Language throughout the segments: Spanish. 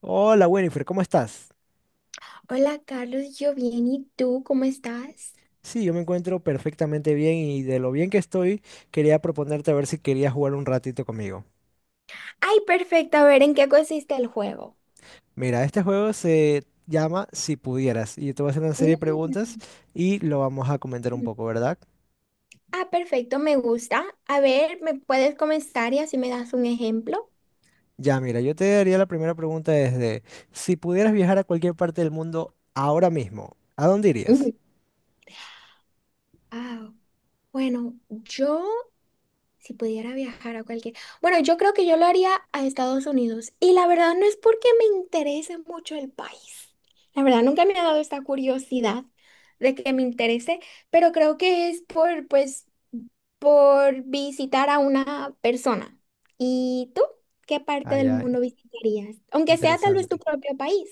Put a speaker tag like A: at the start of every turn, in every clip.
A: Hola Winifred, ¿cómo estás?
B: Hola Carlos, yo bien, ¿y tú cómo estás?
A: Sí, yo me encuentro perfectamente bien y de lo bien que estoy, quería proponerte a ver si querías jugar un ratito conmigo.
B: Ay, perfecto, a ver, ¿en qué consiste el juego?
A: Mira, este juego se llama Si pudieras y yo te voy a hacer una serie de preguntas
B: Mm.
A: y lo vamos a comentar un poco, ¿verdad?
B: Ah, perfecto, me gusta. A ver, ¿me puedes comenzar y así me das un ejemplo?
A: Ya, mira, yo te haría la primera pregunta desde, si pudieras viajar a cualquier parte del mundo ahora mismo, ¿a dónde irías?
B: Ujú. Ah, bueno, yo, si pudiera viajar a cualquier... Bueno, yo creo que yo lo haría a Estados Unidos y la verdad no es porque me interese mucho el país. La verdad nunca me ha dado esta curiosidad de que me interese, pero creo que es por, pues... por visitar a una persona. ¿Y tú? ¿Qué parte
A: Ah,
B: del
A: ya,
B: mundo visitarías? Aunque sea tal vez tu
A: interesante.
B: propio país.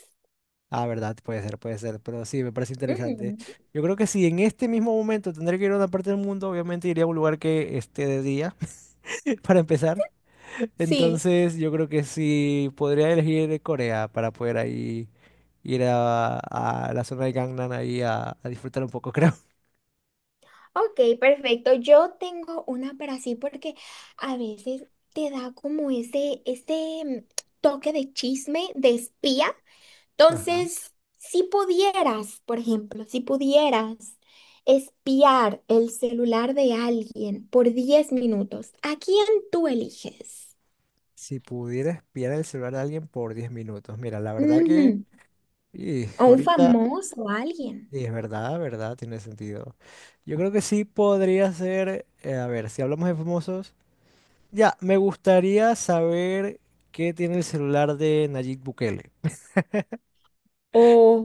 A: Ah, verdad, puede ser, pero sí, me parece interesante.
B: Ujú,
A: Yo creo que si en este mismo momento tendré que ir a una parte del mundo, obviamente iría a un lugar que esté de día, para empezar.
B: sí,
A: Entonces, yo creo que sí podría elegir Corea para poder ahí ir a la zona de Gangnam ahí a disfrutar un poco, creo.
B: ok, perfecto. Yo tengo una, pero así porque a veces te da como ese toque de chisme, de espía.
A: Ajá.
B: Entonces, si pudieras, por ejemplo, si pudieras espiar el celular de alguien por 10 minutos, ¿a quién tú eliges?
A: Si pudiera espiar el celular de alguien por 10 minutos. Mira, la verdad que y
B: O un
A: ahorita
B: famoso, o alguien.
A: y es verdad, verdad, tiene sentido. Yo creo que sí podría ser, a ver, si hablamos de famosos. Ya, me gustaría saber qué tiene el celular de Nayib Bukele.
B: O...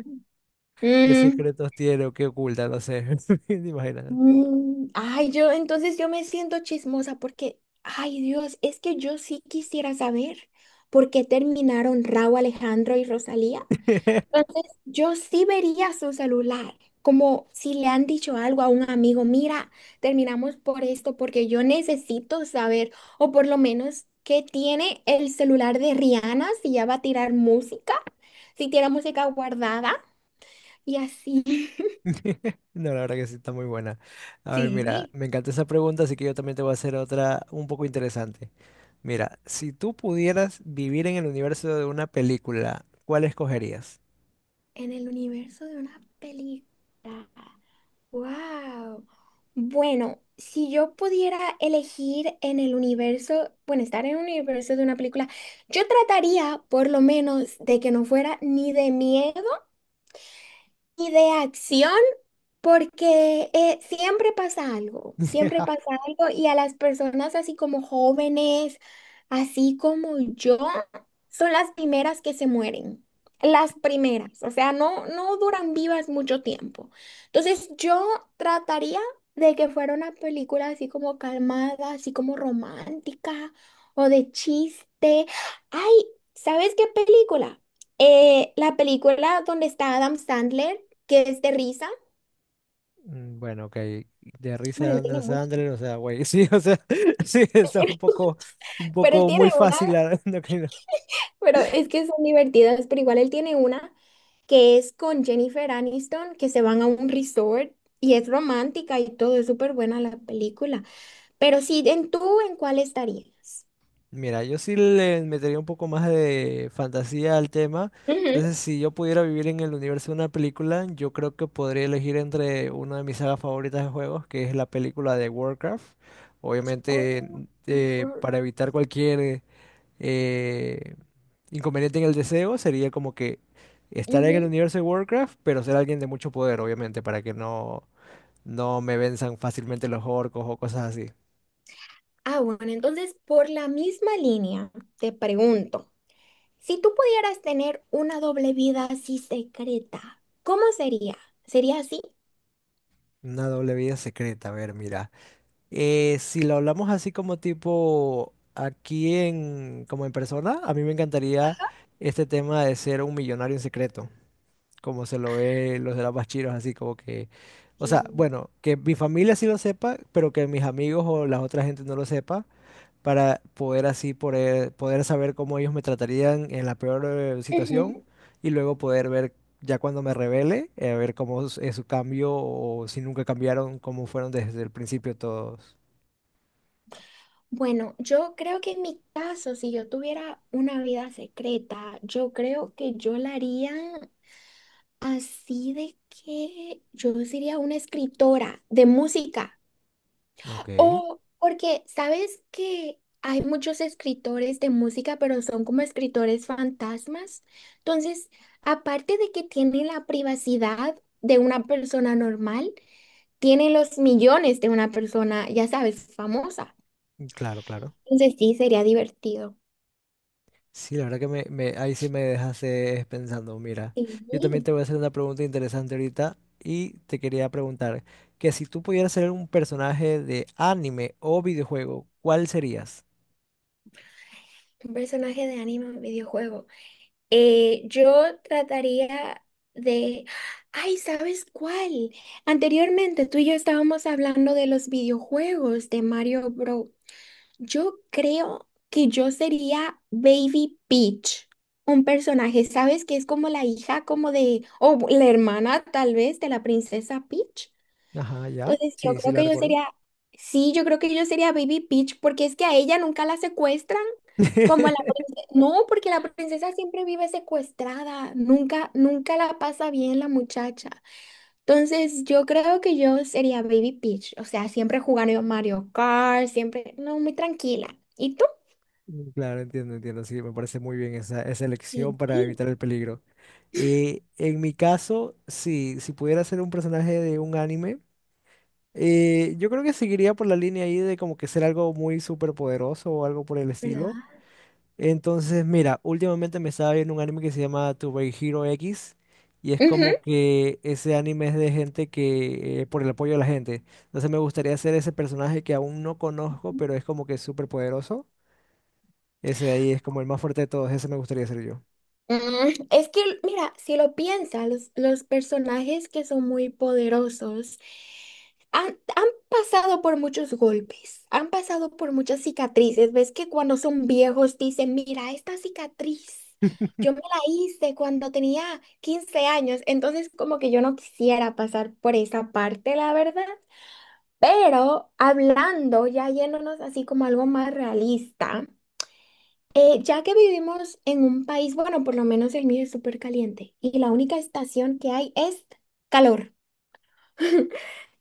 A: ¿Qué
B: mm,
A: secretos tiene o qué oculta? No sé. Imagínate.
B: ay, yo entonces yo me siento chismosa porque, ay Dios, es que yo sí quisiera saber por qué terminaron Raúl Alejandro y Rosalía. Entonces yo sí vería su celular, como si le han dicho algo a un amigo, mira, terminamos por esto porque yo necesito saber, o por lo menos qué tiene el celular de Rihanna si ya va a tirar música, si tiene música guardada. Y así,
A: No, la verdad que sí, está muy buena. A ver, mira,
B: sí.
A: me encanta esa pregunta, así que yo también te voy a hacer otra un poco interesante. Mira, si tú pudieras vivir en el universo de una película, ¿cuál escogerías?
B: En el universo de una película. ¡Wow! Bueno, si yo pudiera elegir en el universo, bueno, estar en el universo de una película, yo trataría por lo menos de que no fuera ni de miedo. Y de acción, porque siempre pasa algo y a las personas así como jóvenes, así como yo, son las primeras que se mueren. Las primeras, o sea, no, no duran vivas mucho tiempo. Entonces yo trataría de que fuera una película así como calmada, así como romántica o de chiste. Ay, ¿sabes qué película? La película donde está Adam Sandler que es de risa.
A: Mm, bueno, ok. De
B: Bueno,
A: risa
B: él tiene
A: Andrés
B: mucho, él
A: Sandler, o sea, güey, sí, o sea, sí, está
B: tiene mucho,
A: un
B: pero él
A: poco
B: tiene
A: muy
B: una,
A: fácil, no, que no.
B: pero es que son divertidas, pero igual él tiene una que es con Jennifer Aniston, que se van a un resort y es romántica y todo, es súper buena la película. Pero sí, en tú, ¿en cuál estarías?
A: Mira, yo sí le metería un poco más de fantasía al tema.
B: Ujú.
A: Entonces, si yo pudiera vivir en el universo de una película, yo creo que podría elegir entre una de mis sagas favoritas de juegos, que es la película de Warcraft. Obviamente,
B: Oh, por-
A: para evitar cualquier eh, inconveniente en el deseo, sería como que estar en el
B: ujú.
A: universo de Warcraft, pero ser alguien de mucho poder, obviamente, para que no, no me venzan fácilmente los orcos o cosas así.
B: Ah, bueno, entonces por la misma línea te pregunto, si tú pudieras tener una doble vida así secreta, ¿cómo sería? ¿Sería así?
A: Una doble vida secreta, a ver, mira. Si lo hablamos así como tipo aquí en, como en persona, a mí me encantaría este tema de ser un millonario en secreto, como se lo ve los de las Bachiros, así como que, o sea,
B: Y
A: bueno, que mi familia sí lo sepa, pero que mis amigos o la otra gente no lo sepa, para poder así poder saber cómo ellos me tratarían en la peor situación
B: ujú.
A: y luego poder ver ya cuando me revele, ver cómo es su cambio o si nunca cambiaron, cómo fueron desde el principio todos.
B: Bueno, yo creo que en mi caso, si yo tuviera una vida secreta, yo creo que yo la haría así de que yo sería una escritora de música.
A: Ok,
B: O porque, ¿sabes que hay muchos escritores de música, pero son como escritores fantasmas? Entonces, aparte de que tienen la privacidad de una persona normal, tienen los millones de una persona, ya sabes, famosa.
A: claro, claro.
B: Entonces sí, sería divertido.
A: Sí, la verdad que ahí sí me dejas dejaste pensando. Mira, yo también te
B: Sí,
A: voy a hacer una pregunta interesante ahorita y te quería preguntar que si tú pudieras ser un personaje de anime o videojuego, ¿cuál serías?
B: un personaje de anime en videojuego. Yo trataría de... Ay, ¿sabes cuál? Anteriormente tú y yo estábamos hablando de los videojuegos de Mario Bros. Yo creo que yo sería Baby Peach, un personaje, ¿sabes? Que es como la hija, como de... o la hermana tal vez de la princesa Peach.
A: Ajá, ya.
B: Entonces, yo
A: Sí, sí
B: creo
A: la
B: que yo
A: recuerdo.
B: sería, sí, yo creo que yo sería Baby Peach, porque es que a ella nunca la secuestran, como a la princesa. No, porque la princesa siempre vive secuestrada, nunca, nunca la pasa bien la muchacha. Entonces, yo creo que yo sería Baby Peach, o sea, siempre jugando Mario Kart, siempre, no, muy tranquila. ¿Y tú?
A: Mm, claro, entiendo, entiendo. Sí, me parece muy bien esa, esa elección
B: Sí,
A: para
B: sí,
A: evitar el peligro. En mi caso, sí, si pudiera ser un personaje de un anime. Yo creo que seguiría por la línea ahí de como que ser algo muy superpoderoso o algo por el estilo.
B: ¿verdad?
A: Entonces, mira, últimamente me estaba viendo un anime que se llama To Be Hero X y es
B: Ujú.
A: como que ese anime es de gente que, por el apoyo de la gente. Entonces me gustaría ser ese personaje que aún no conozco, pero es como que superpoderoso. Ese de ahí es como el más fuerte de todos, ese me gustaría ser yo.
B: Es que, mira, si lo piensas, los personajes que son muy poderosos han, han pasado por muchos golpes, han pasado por muchas cicatrices. Ves que cuando son viejos dicen, mira, esta cicatriz, yo me la hice cuando tenía 15 años, entonces como que yo no quisiera pasar por esa parte, la verdad. Pero hablando, ya yéndonos así como algo más realista. Ya que vivimos en un país, bueno, por lo menos el mío es súper caliente y la única estación que hay es calor.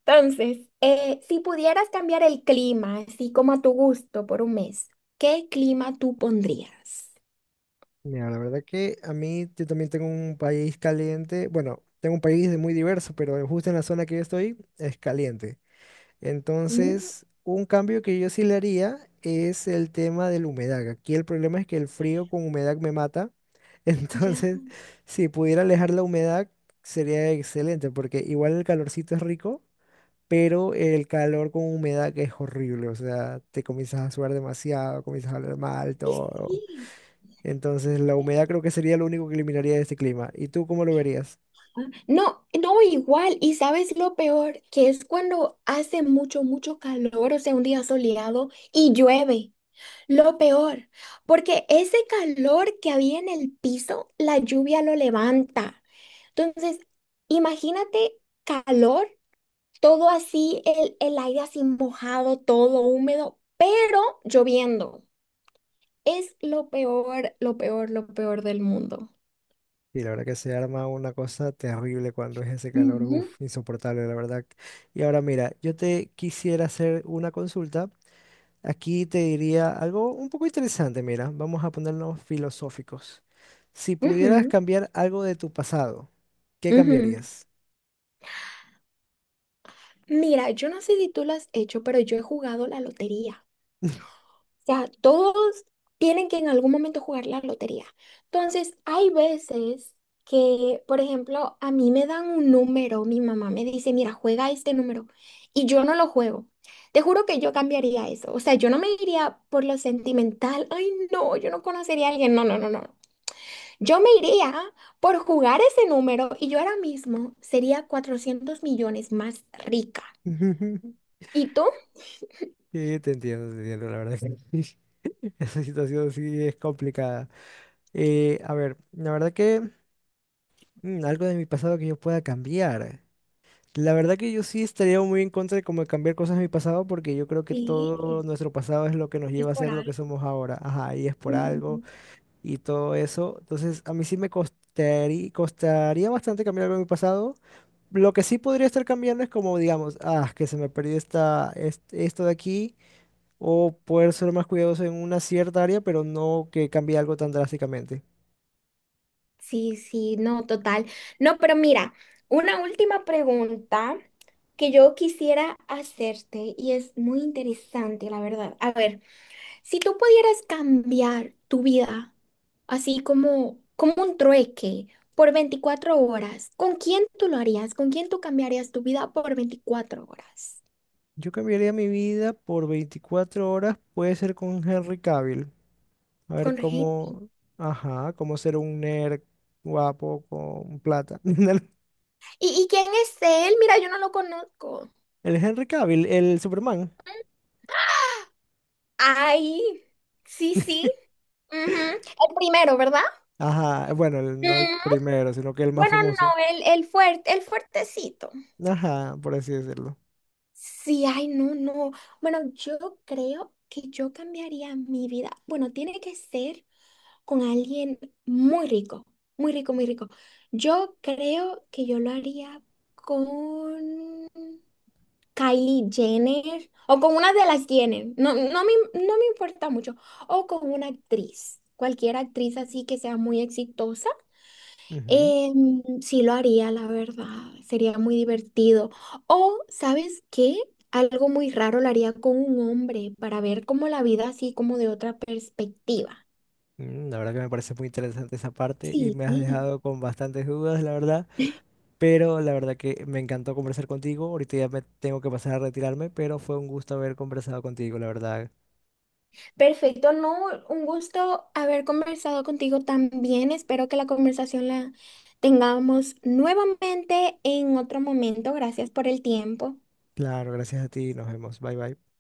B: Entonces, si pudieras cambiar el clima, así como a tu gusto, por un mes, ¿qué clima tú pondrías?
A: Mira, la verdad que a mí yo también tengo un país caliente. Bueno, tengo un país de muy diverso, pero justo en la zona que yo estoy es caliente.
B: Mm,
A: Entonces, un cambio que yo sí le haría es el tema de la humedad. Aquí el problema es que el frío con humedad me mata.
B: ya.
A: Entonces, si pudiera alejar la humedad, sería excelente, porque igual el calorcito es rico, pero el calor con humedad es horrible. O sea, te comienzas a sudar demasiado, comienzas a hablar mal,
B: Sí,
A: todo.
B: sí.
A: Entonces, la humedad creo que sería lo único que eliminaría de este clima. ¿Y tú cómo lo verías?
B: No, no igual. Y sabes lo peor, que es cuando hace mucho, mucho calor, o sea, un día soleado y llueve. Lo peor, porque ese calor que había en el piso, la lluvia lo levanta. Entonces, imagínate calor, todo así, el aire así mojado, todo húmedo, pero lloviendo. Es lo peor, lo peor, lo peor del mundo.
A: Y la verdad que se arma una cosa terrible cuando es ese calor,
B: Ujú.
A: uf, insoportable, la verdad. Y ahora mira, yo te quisiera hacer una consulta. Aquí te diría algo un poco interesante, mira, vamos a ponernos filosóficos. Si pudieras
B: Ujú,
A: cambiar algo de tu pasado, ¿qué
B: ujú.
A: cambiarías?
B: Mira, yo no sé si tú lo has hecho, pero yo he jugado la lotería. Sea, todos tienen que en algún momento jugar la lotería. Entonces, hay veces que, por ejemplo, a mí me dan un número, mi mamá me dice, mira, juega este número, y yo no lo juego. Te juro que yo cambiaría eso. O sea, yo no me iría por lo sentimental. Ay, no, yo no conocería a alguien. No, no, no, no. Yo me iría por jugar ese número y yo ahora mismo sería 400 millones más rica. ¿Y tú?
A: Sí, te entiendo, la verdad que sí. Esa situación sí es complicada. A ver, la verdad que algo de mi pasado que yo pueda cambiar. La verdad que yo sí estaría muy en contra de como de cambiar cosas de mi pasado porque yo creo que todo
B: Sí,
A: nuestro pasado es lo que nos
B: es
A: lleva a
B: por
A: ser lo que
B: algo.
A: somos ahora. Ajá, y es por algo y todo eso. Entonces, a mí sí me costaría bastante cambiar algo de mi pasado. Lo que sí podría estar cambiando es como, digamos, ah, que se me perdió esto de aquí o poder ser más cuidadoso en una cierta área, pero no que cambie algo tan drásticamente.
B: Sí, sí, no, total. No, pero mira, una última pregunta que yo quisiera hacerte y es muy interesante, la verdad. A ver, si tú pudieras cambiar tu vida, así como, como un trueque, por 24 horas, ¿con quién tú lo harías? ¿Con quién tú cambiarías tu vida por 24 horas?
A: Yo cambiaría mi vida por 24 horas, puede ser con Henry Cavill. A ver
B: Con gente.
A: cómo, ajá, cómo ser un nerd guapo con plata.
B: ¿Y quién es él? Mira, yo no lo conozco.
A: Henry Cavill, el Superman.
B: Ay, sí, sí. Ujú, el primero, ¿verdad?
A: Ajá, bueno, no el primero, sino que el más
B: Bueno,
A: famoso.
B: no, el fuerte, el fuertecito.
A: Ajá, por así decirlo.
B: Sí, ay, no, no. Bueno, yo creo que yo cambiaría mi vida. Bueno, tiene que ser con alguien muy rico, muy rico, muy rico. Yo creo que yo lo haría con Kylie Jenner o con una de las Jenner. No, no me importa mucho. O con una actriz, cualquier actriz así que sea muy exitosa.
A: Ujú.
B: Sí lo haría, la verdad. Sería muy divertido. O, ¿sabes qué? Algo muy raro lo haría con un hombre para ver como la vida así como de otra perspectiva.
A: Mm, la verdad que me parece muy interesante esa parte y
B: Sí,
A: me has dejado con bastantes dudas, la verdad. Pero la verdad que me encantó conversar contigo. Ahorita ya me tengo que pasar a retirarme, pero fue un gusto haber conversado contigo, la verdad.
B: perfecto. No, un gusto haber conversado contigo también. Espero que la conversación la tengamos nuevamente en otro momento. Gracias por el tiempo.
A: Claro, gracias a ti. Nos vemos. Bye bye.